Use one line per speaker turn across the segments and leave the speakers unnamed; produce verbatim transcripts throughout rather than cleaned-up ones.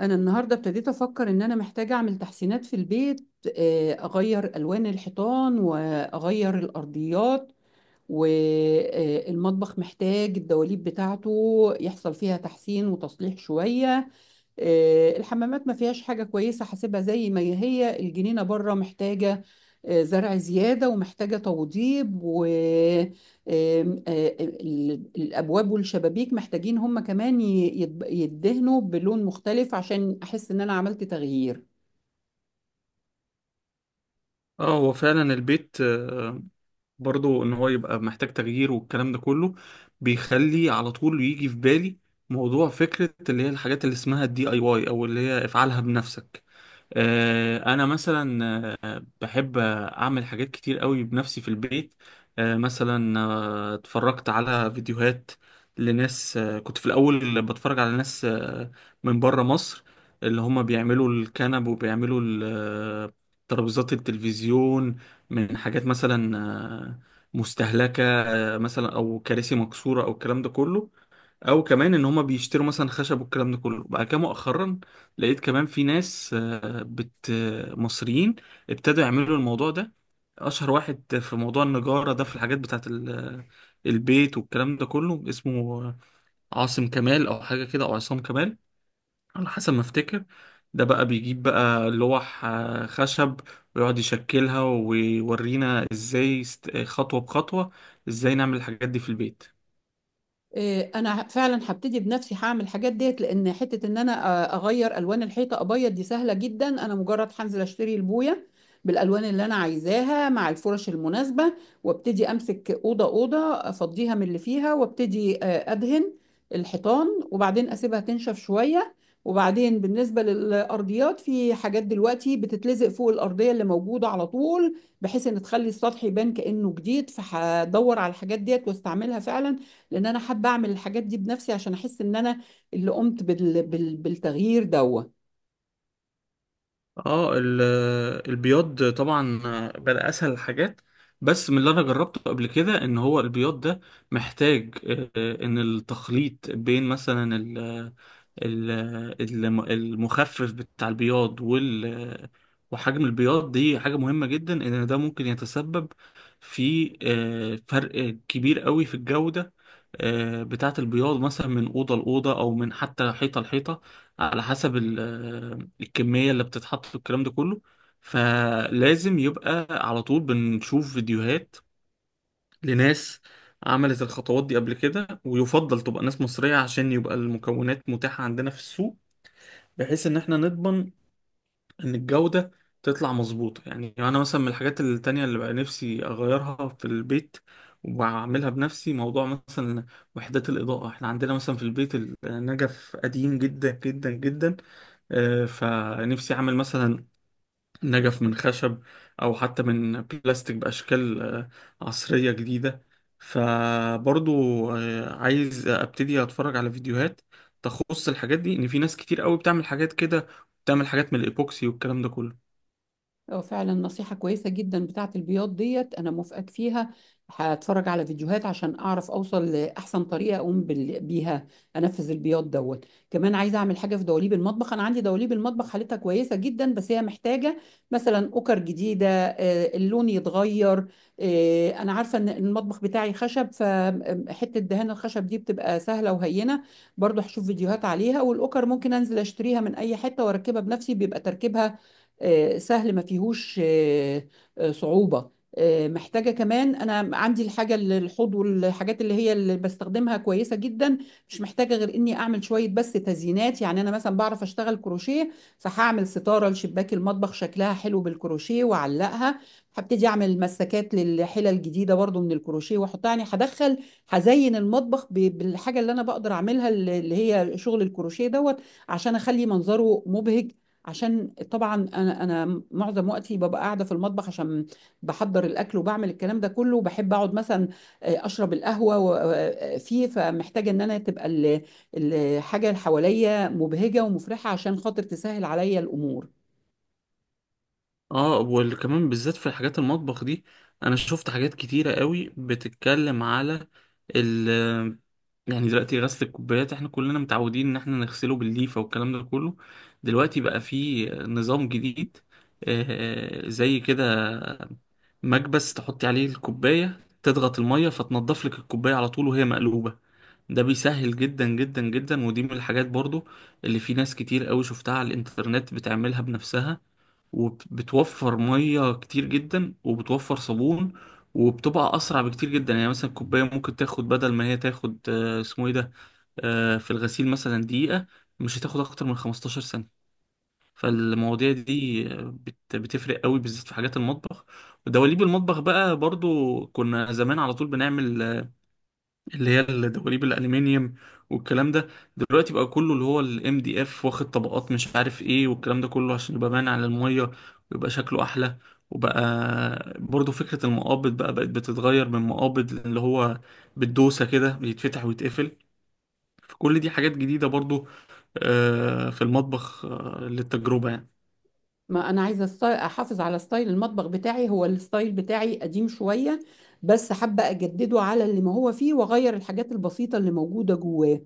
انا النهارده ابتديت افكر ان انا محتاجه اعمل تحسينات في البيت. آه، اغير الوان الحيطان واغير الارضيات، والمطبخ محتاج الدواليب بتاعته يحصل فيها تحسين وتصليح شويه. آه، الحمامات ما فيهاش حاجة كويسة، حاسبها زي ما هي. الجنينة بره محتاجة آه، زرع زيادة ومحتاجة توضيب، و آم، آم، آه، ال- الأبواب والشبابيك محتاجين هم كمان ي- يتب- يدهنوا بلون مختلف عشان أحس إن أنا عملت تغيير.
اه هو فعلا البيت، آه، برضو ان هو يبقى محتاج تغيير والكلام ده كله بيخلي على طول يجي في بالي موضوع فكرة اللي هي الحاجات اللي اسمها الدي اي واي او اللي هي افعلها بنفسك. آه، انا مثلا آه، بحب اعمل حاجات كتير قوي بنفسي في البيت. آه، مثلا آه، اتفرجت على فيديوهات لناس، آه، كنت في الاول بتفرج على ناس آه، من بره مصر اللي هم بيعملوا الكنب وبيعملوا ال- آه، ترابيزات التلفزيون من حاجات مثلا آه، مستهلكة، آه، مثلا او كراسي مكسورة او الكلام ده كله، او كمان ان هما بيشتروا مثلا خشب والكلام ده كله. بعد كده مؤخرا لقيت كمان في ناس آه، بت آه، مصريين ابتدوا يعملوا الموضوع ده. اشهر واحد في موضوع النجارة ده في الحاجات بتاعت ال- البيت والكلام ده كله اسمه عاصم كمال او حاجة كده او عصام كمال على حسب ما افتكر. ده بقى بيجيب بقى لوح آه، خشب ويقعد يشكلها ويورينا ازاي است- خطوة بخطوة ازاي نعمل الحاجات دي في البيت.
إيه، انا فعلا هبتدي بنفسي، هعمل الحاجات ديت. لان حته ان انا أ- اغير الوان الحيطه ابيض دي سهله جدا، انا مجرد هنزل اشتري البويه بالالوان اللي انا عايزاها مع الفرش المناسبه، وابتدي امسك اوضه اوضه افضيها من اللي فيها، وابتدي آه، ادهن الحيطان، وبعدين اسيبها تنشف شويه. وبعدين بالنسبه للارضيات، في حاجات دلوقتي بتتلزق فوق الارضيه اللي موجوده على طول بحيث ان تخلي السطح يبان كانه جديد، فهدور على الحاجات ديت واستعملها فعلا. لان انا حابه اعمل الحاجات دي بنفسي عشان احس ان انا اللي قمت بال... بال... بالتغيير ده.
اه ال- البياض طبعا بقى اسهل الحاجات، بس من اللي انا جربته قبل كده ان هو البياض ده محتاج، آه، ان التخليط بين مثلا ال- ال- الم- المخفف بتاع البياض وال وحجم البياض دي حاجة مهمة جدا، ان ده ممكن يتسبب في آه، فرق كبير قوي في الجودة آه، بتاعة البياض، مثلا من أوضة لأوضة أو من حتى حيطة لحيطة على حسب الكمية اللي بتتحط والكلام ده كله. فلازم يبقى على طول بنشوف فيديوهات لناس عملت الخطوات دي قبل كده، ويفضل تبقى ناس مصرية عشان يبقى المكونات متاحة عندنا في السوق، بحيث ان احنا نضمن ان الجودة تطلع مظبوطة. يعني انا مثلا من الحاجات التانية اللي بقى نفسي اغيرها في البيت وبعملها بنفسي موضوع مثلا وحدات الإضاءة. احنا عندنا مثلا في البيت النجف قديم جدا جدا جدا، آه، فنفسي اعمل مثلا نجف من خشب أو حتى من بلاستيك بأشكال آه، عصرية جديدة. فبرضو آه، عايز أبتدي أتفرج على فيديوهات تخص الحاجات دي، إن في ناس كتير قوي بتعمل حاجات كده، بتعمل حاجات من الإيبوكسي والكلام ده كله.
اه، فعلا نصيحة كويسة جدا بتاعة البياض ديت، أنا موافقك فيها. هتفرج على فيديوهات عشان أعرف أوصل لأحسن طريقة أقوم بال- بيها، أنفذ البياض دوت. كمان عايزة أعمل حاجة في دواليب المطبخ. أنا عندي دواليب المطبخ حالتها كويسة جدا، بس هي محتاجة مثلا أكر جديدة، آه، اللون يتغير. آه، أنا عارفة إن المطبخ بتاعي خشب، فحتة دهان الخشب دي بتبقى سهلة وهينة. برضو هشوف فيديوهات عليها، والأكر ممكن أنزل أشتريها من أي حتة وأركبها بنفسي، بيبقى تركيبها آه، سهل، ما فيهوش آه، آه، صعوبة. آه، محتاجة كمان، أنا عندي الحاجة اللي- الحوض والحاجات اللي هي اللي بستخدمها كويسة جدا، مش محتاجة غير إني أعمل شوية بس تزيينات. يعني أنا مثلا بعرف أشتغل كروشيه، فهعمل ستارة لشباك المطبخ شكلها حلو بالكروشيه وأعلقها. هبتدي أعمل مسكات للحلل الجديدة برضو من الكروشيه وأحطها. يعني هدخل هزين المطبخ ب- بالحاجة اللي أنا بقدر أعملها، اللي اللي هي شغل الكروشيه دوت، عشان أخلي منظره مبهج. عشان طبعا انا انا معظم وقتي ببقى قاعده في المطبخ، عشان بحضر الاكل وبعمل الكلام ده كله، وبحب اقعد مثلا آه، اشرب القهوه و- آه، آه، فيه فمحتاجه ان انا تبقى ال- الحاجه اللي حواليا مبهجه ومفرحه، عشان خاطر تسهل عليا الامور.
اه وكمان بالذات في حاجات المطبخ دي انا شفت حاجات كتيرة قوي بتتكلم على ال، يعني دلوقتي غسل الكوبايات احنا كلنا متعودين ان احنا نغسله بالليفة والكلام ده كله. دلوقتي بقى في نظام جديد آه، زي كده مكبس تحطي عليه الكوباية، تضغط المية فتنضف لك الكوباية على طول وهي مقلوبة. ده بيسهل جدا جدا جدا، ودي من الحاجات برضو اللي في ناس كتير قوي شفتها على الانترنت بتعملها بنفسها، وبتوفر ميه كتير جدا وبتوفر صابون، وبتبقى اسرع بكتير جدا. يعني مثلا الكوبايه ممكن تاخد بدل ما هي تاخد آه، اسمه ايه ده، آه، في الغسيل مثلا دقيقه، مش هتاخد اكتر من خمستاشر ثانيه. فالمواضيع دي آه، بت- بتفرق قوي بالذات في حاجات المطبخ. ودواليب المطبخ بقى برضو كنا زمان على طول بنعمل اللي هي الدواليب الالومنيوم والكلام ده. دلوقتي بقى كله اللي هو الام دي اف واخد طبقات مش عارف ايه والكلام ده كله عشان يبقى باين على الميه ويبقى شكله احلى. وبقى برضو فكرة المقابض بقى بقت بتتغير من مقابض اللي هو بالدوسة كده بيتفتح ويتقفل. فكل دي حاجات جديدة برضو آه، في المطبخ آه، للتجربة يعني.
ما انا عايزه أست- احافظ على ستايل المطبخ بتاعي. هو الستايل بتاعي قديم شويه، بس حابه اجدده على اللي ما هو فيه، واغير الحاجات البسيطه اللي موجوده جواه.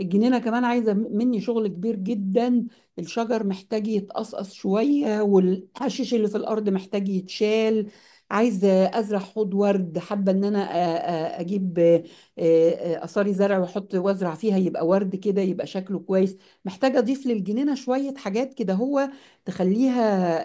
الجنينه كمان عايزه م- مني شغل كبير جدا. الشجر محتاج يتقصقص شويه، والحشيش اللي في الارض محتاج يتشال. عايزه ازرع حوض ورد، حابه ان انا أ- أ- اجيب آه، آه، اثاري زرع واحط وازرع فيها، يبقى ورد كده، يبقى شكله كويس. محتاجه اضيف للجنينه شويه حاجات كده، هو تخليها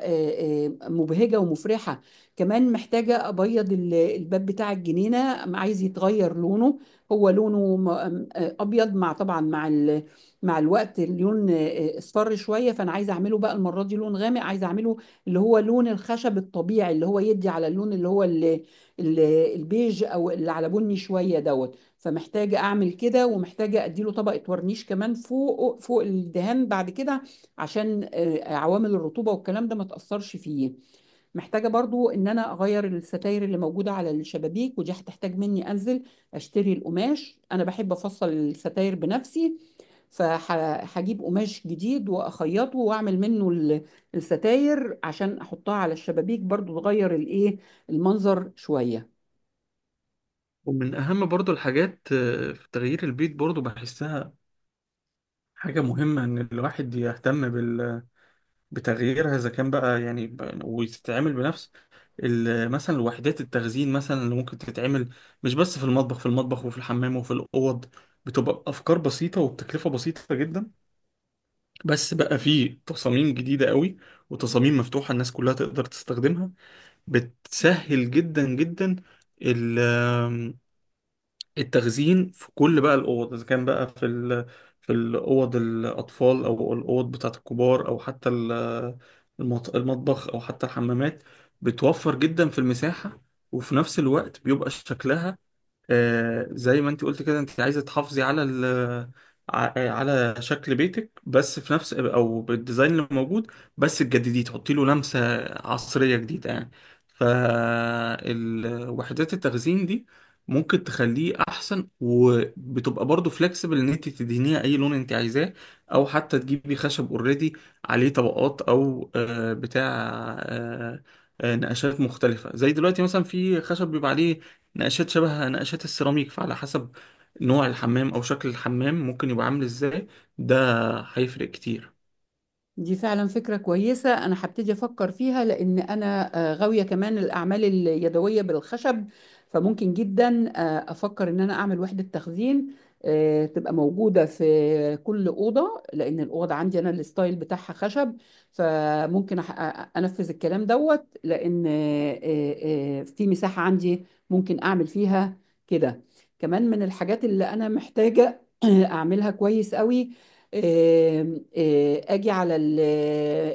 آه، آه، مبهجة ومفرحة. كمان محتاجة أبيض ال- الباب بتاع الجنينة، عايز يتغير لونه. هو لونه م- آه، أبيض، مع طبعا مع ال- مع الوقت اللون آه، اصفر شوية، فأنا عايزة أعمله بقى المرة دي لون غامق. عايزة أعمله اللي هو لون الخشب الطبيعي، اللي هو يدي على اللون اللي هو ال- ال- البيج، أو اللي على بني شوية دوت. فمحتاجة أعمل كده، ومحتاجة أديله طبقة ورنيش كمان فوق فوق الدهان بعد كده، عشان آه، عوامل الرطوبة والكلام ده ما تأثرش فيه. محتاجة برضو ان انا اغير الستاير اللي موجودة على الشبابيك، ودي هتحتاج مني انزل اشتري القماش. انا بحب افصل الستاير بنفسي، فهجيب قماش جديد واخيطه واعمل منه ال- الستاير عشان احطها على الشبابيك، برضو تغير الايه، المنظر شوية.
ومن أهم برضو الحاجات آه، في تغيير البيت، برضو بحسها حاجة مهمة إن الواحد يهتم بال بتغييرها، اذا كان بقى يعني ب- وتتعمل بنفس ال- مثلا وحدات التخزين مثلا اللي ممكن تتعمل مش بس في المطبخ، في المطبخ وفي الحمام وفي الاوض. بتبقى بافكار بسيطه وبتكلفه بسيطه جدا، بس بقى في تصاميم جديده قوي وتصاميم مفتوحه الناس كلها تقدر تستخدمها. بتسهل جدا جدا التخزين في كل بقى الاوض، اذا كان بقى في ال... في الاوض الاطفال او الاوض بتاعه الكبار او حتى ال- المط... المطبخ او حتى الحمامات. بتوفر جدا في المساحه، وفي نفس الوقت بيبقى شكلها آه، زي ما انت قلت كده، انت عايزه تحافظي على ال ع- على شكل بيتك بس في نفس او بالديزاين اللي موجود، بس تجدديه تحطي له لمسه عصريه جديده يعني. فالوحدات التخزين دي ممكن تخليه احسن، وبتبقى برضه فلكسبل ان انت تدهنيها اي لون انت عايزاه، او حتى تجيبي خشب اوريدي عليه طبقات او آه، بتاع آه، آه، نقشات مختلفه. زي دلوقتي مثلا في خشب بيبقى عليه نقشات شبه نقشات السيراميك. فعلى حسب نوع الحمام او شكل الحمام ممكن يبقى عامل ازاي، ده هيفرق كتير.
دي فعلا فكرة كويسة، أنا هبتدي أفكر فيها، لأن أنا آه، غاوية كمان الأعمال اليدوية بالخشب. فممكن جدا آه، أفكر إن أنا أعمل وحدة تخزين آه، تبقى موجودة في كل أوضة، لأن الأوضة عندي أنا الستايل بتاعها خشب. فممكن أح- أ- أنفذ الكلام دوت، لأن آه، آه، آه، في مساحة عندي ممكن أعمل فيها كده. كمان من الحاجات اللي أنا محتاجة أعملها كويس قوي، آه، اجي على ال-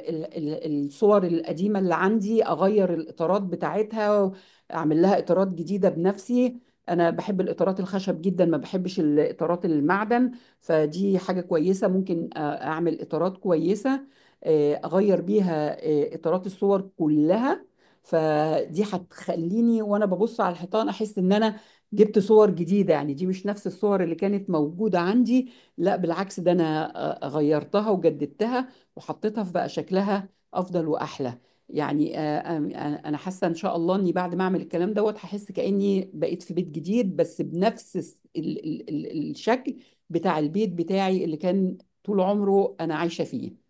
ال- ال- الصور القديمه اللي عندي، اغير الاطارات بتاعتها، اعمل لها اطارات جديده بنفسي. انا بحب الاطارات الخشب جدا، ما بحبش الاطارات المعدن. فدي حاجه كويسه، ممكن أ- اعمل اطارات كويسه آه، اغير بيها آه، اطارات الصور كلها. فدي هتخليني وانا ببص على الحيطان احس ان انا جبت صور جديده، يعني دي مش نفس الصور اللي كانت موجوده عندي، لا بالعكس، ده انا آه، غيرتها وجددتها وحطيتها في بقى شكلها افضل واحلى. يعني آه، آم- آه، انا حاسه ان شاء الله اني بعد ما اعمل الكلام دوت هحس كاني بقيت في بيت جديد، بس بنفس الس- ال ال ال الشكل بتاع البيت بتاعي اللي كان طول عمره انا عايشه فيه،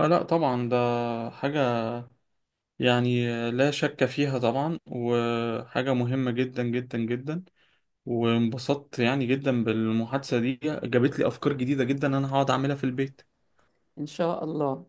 آه لا طبعا ده حاجة يعني لا شك فيها طبعا، وحاجة مهمة جدا جدا جدا. وانبسطت يعني جدا بالمحادثة دي، جابت لي أفكار جديدة جدا أنا هقعد أعملها في البيت.
ان شاء الله.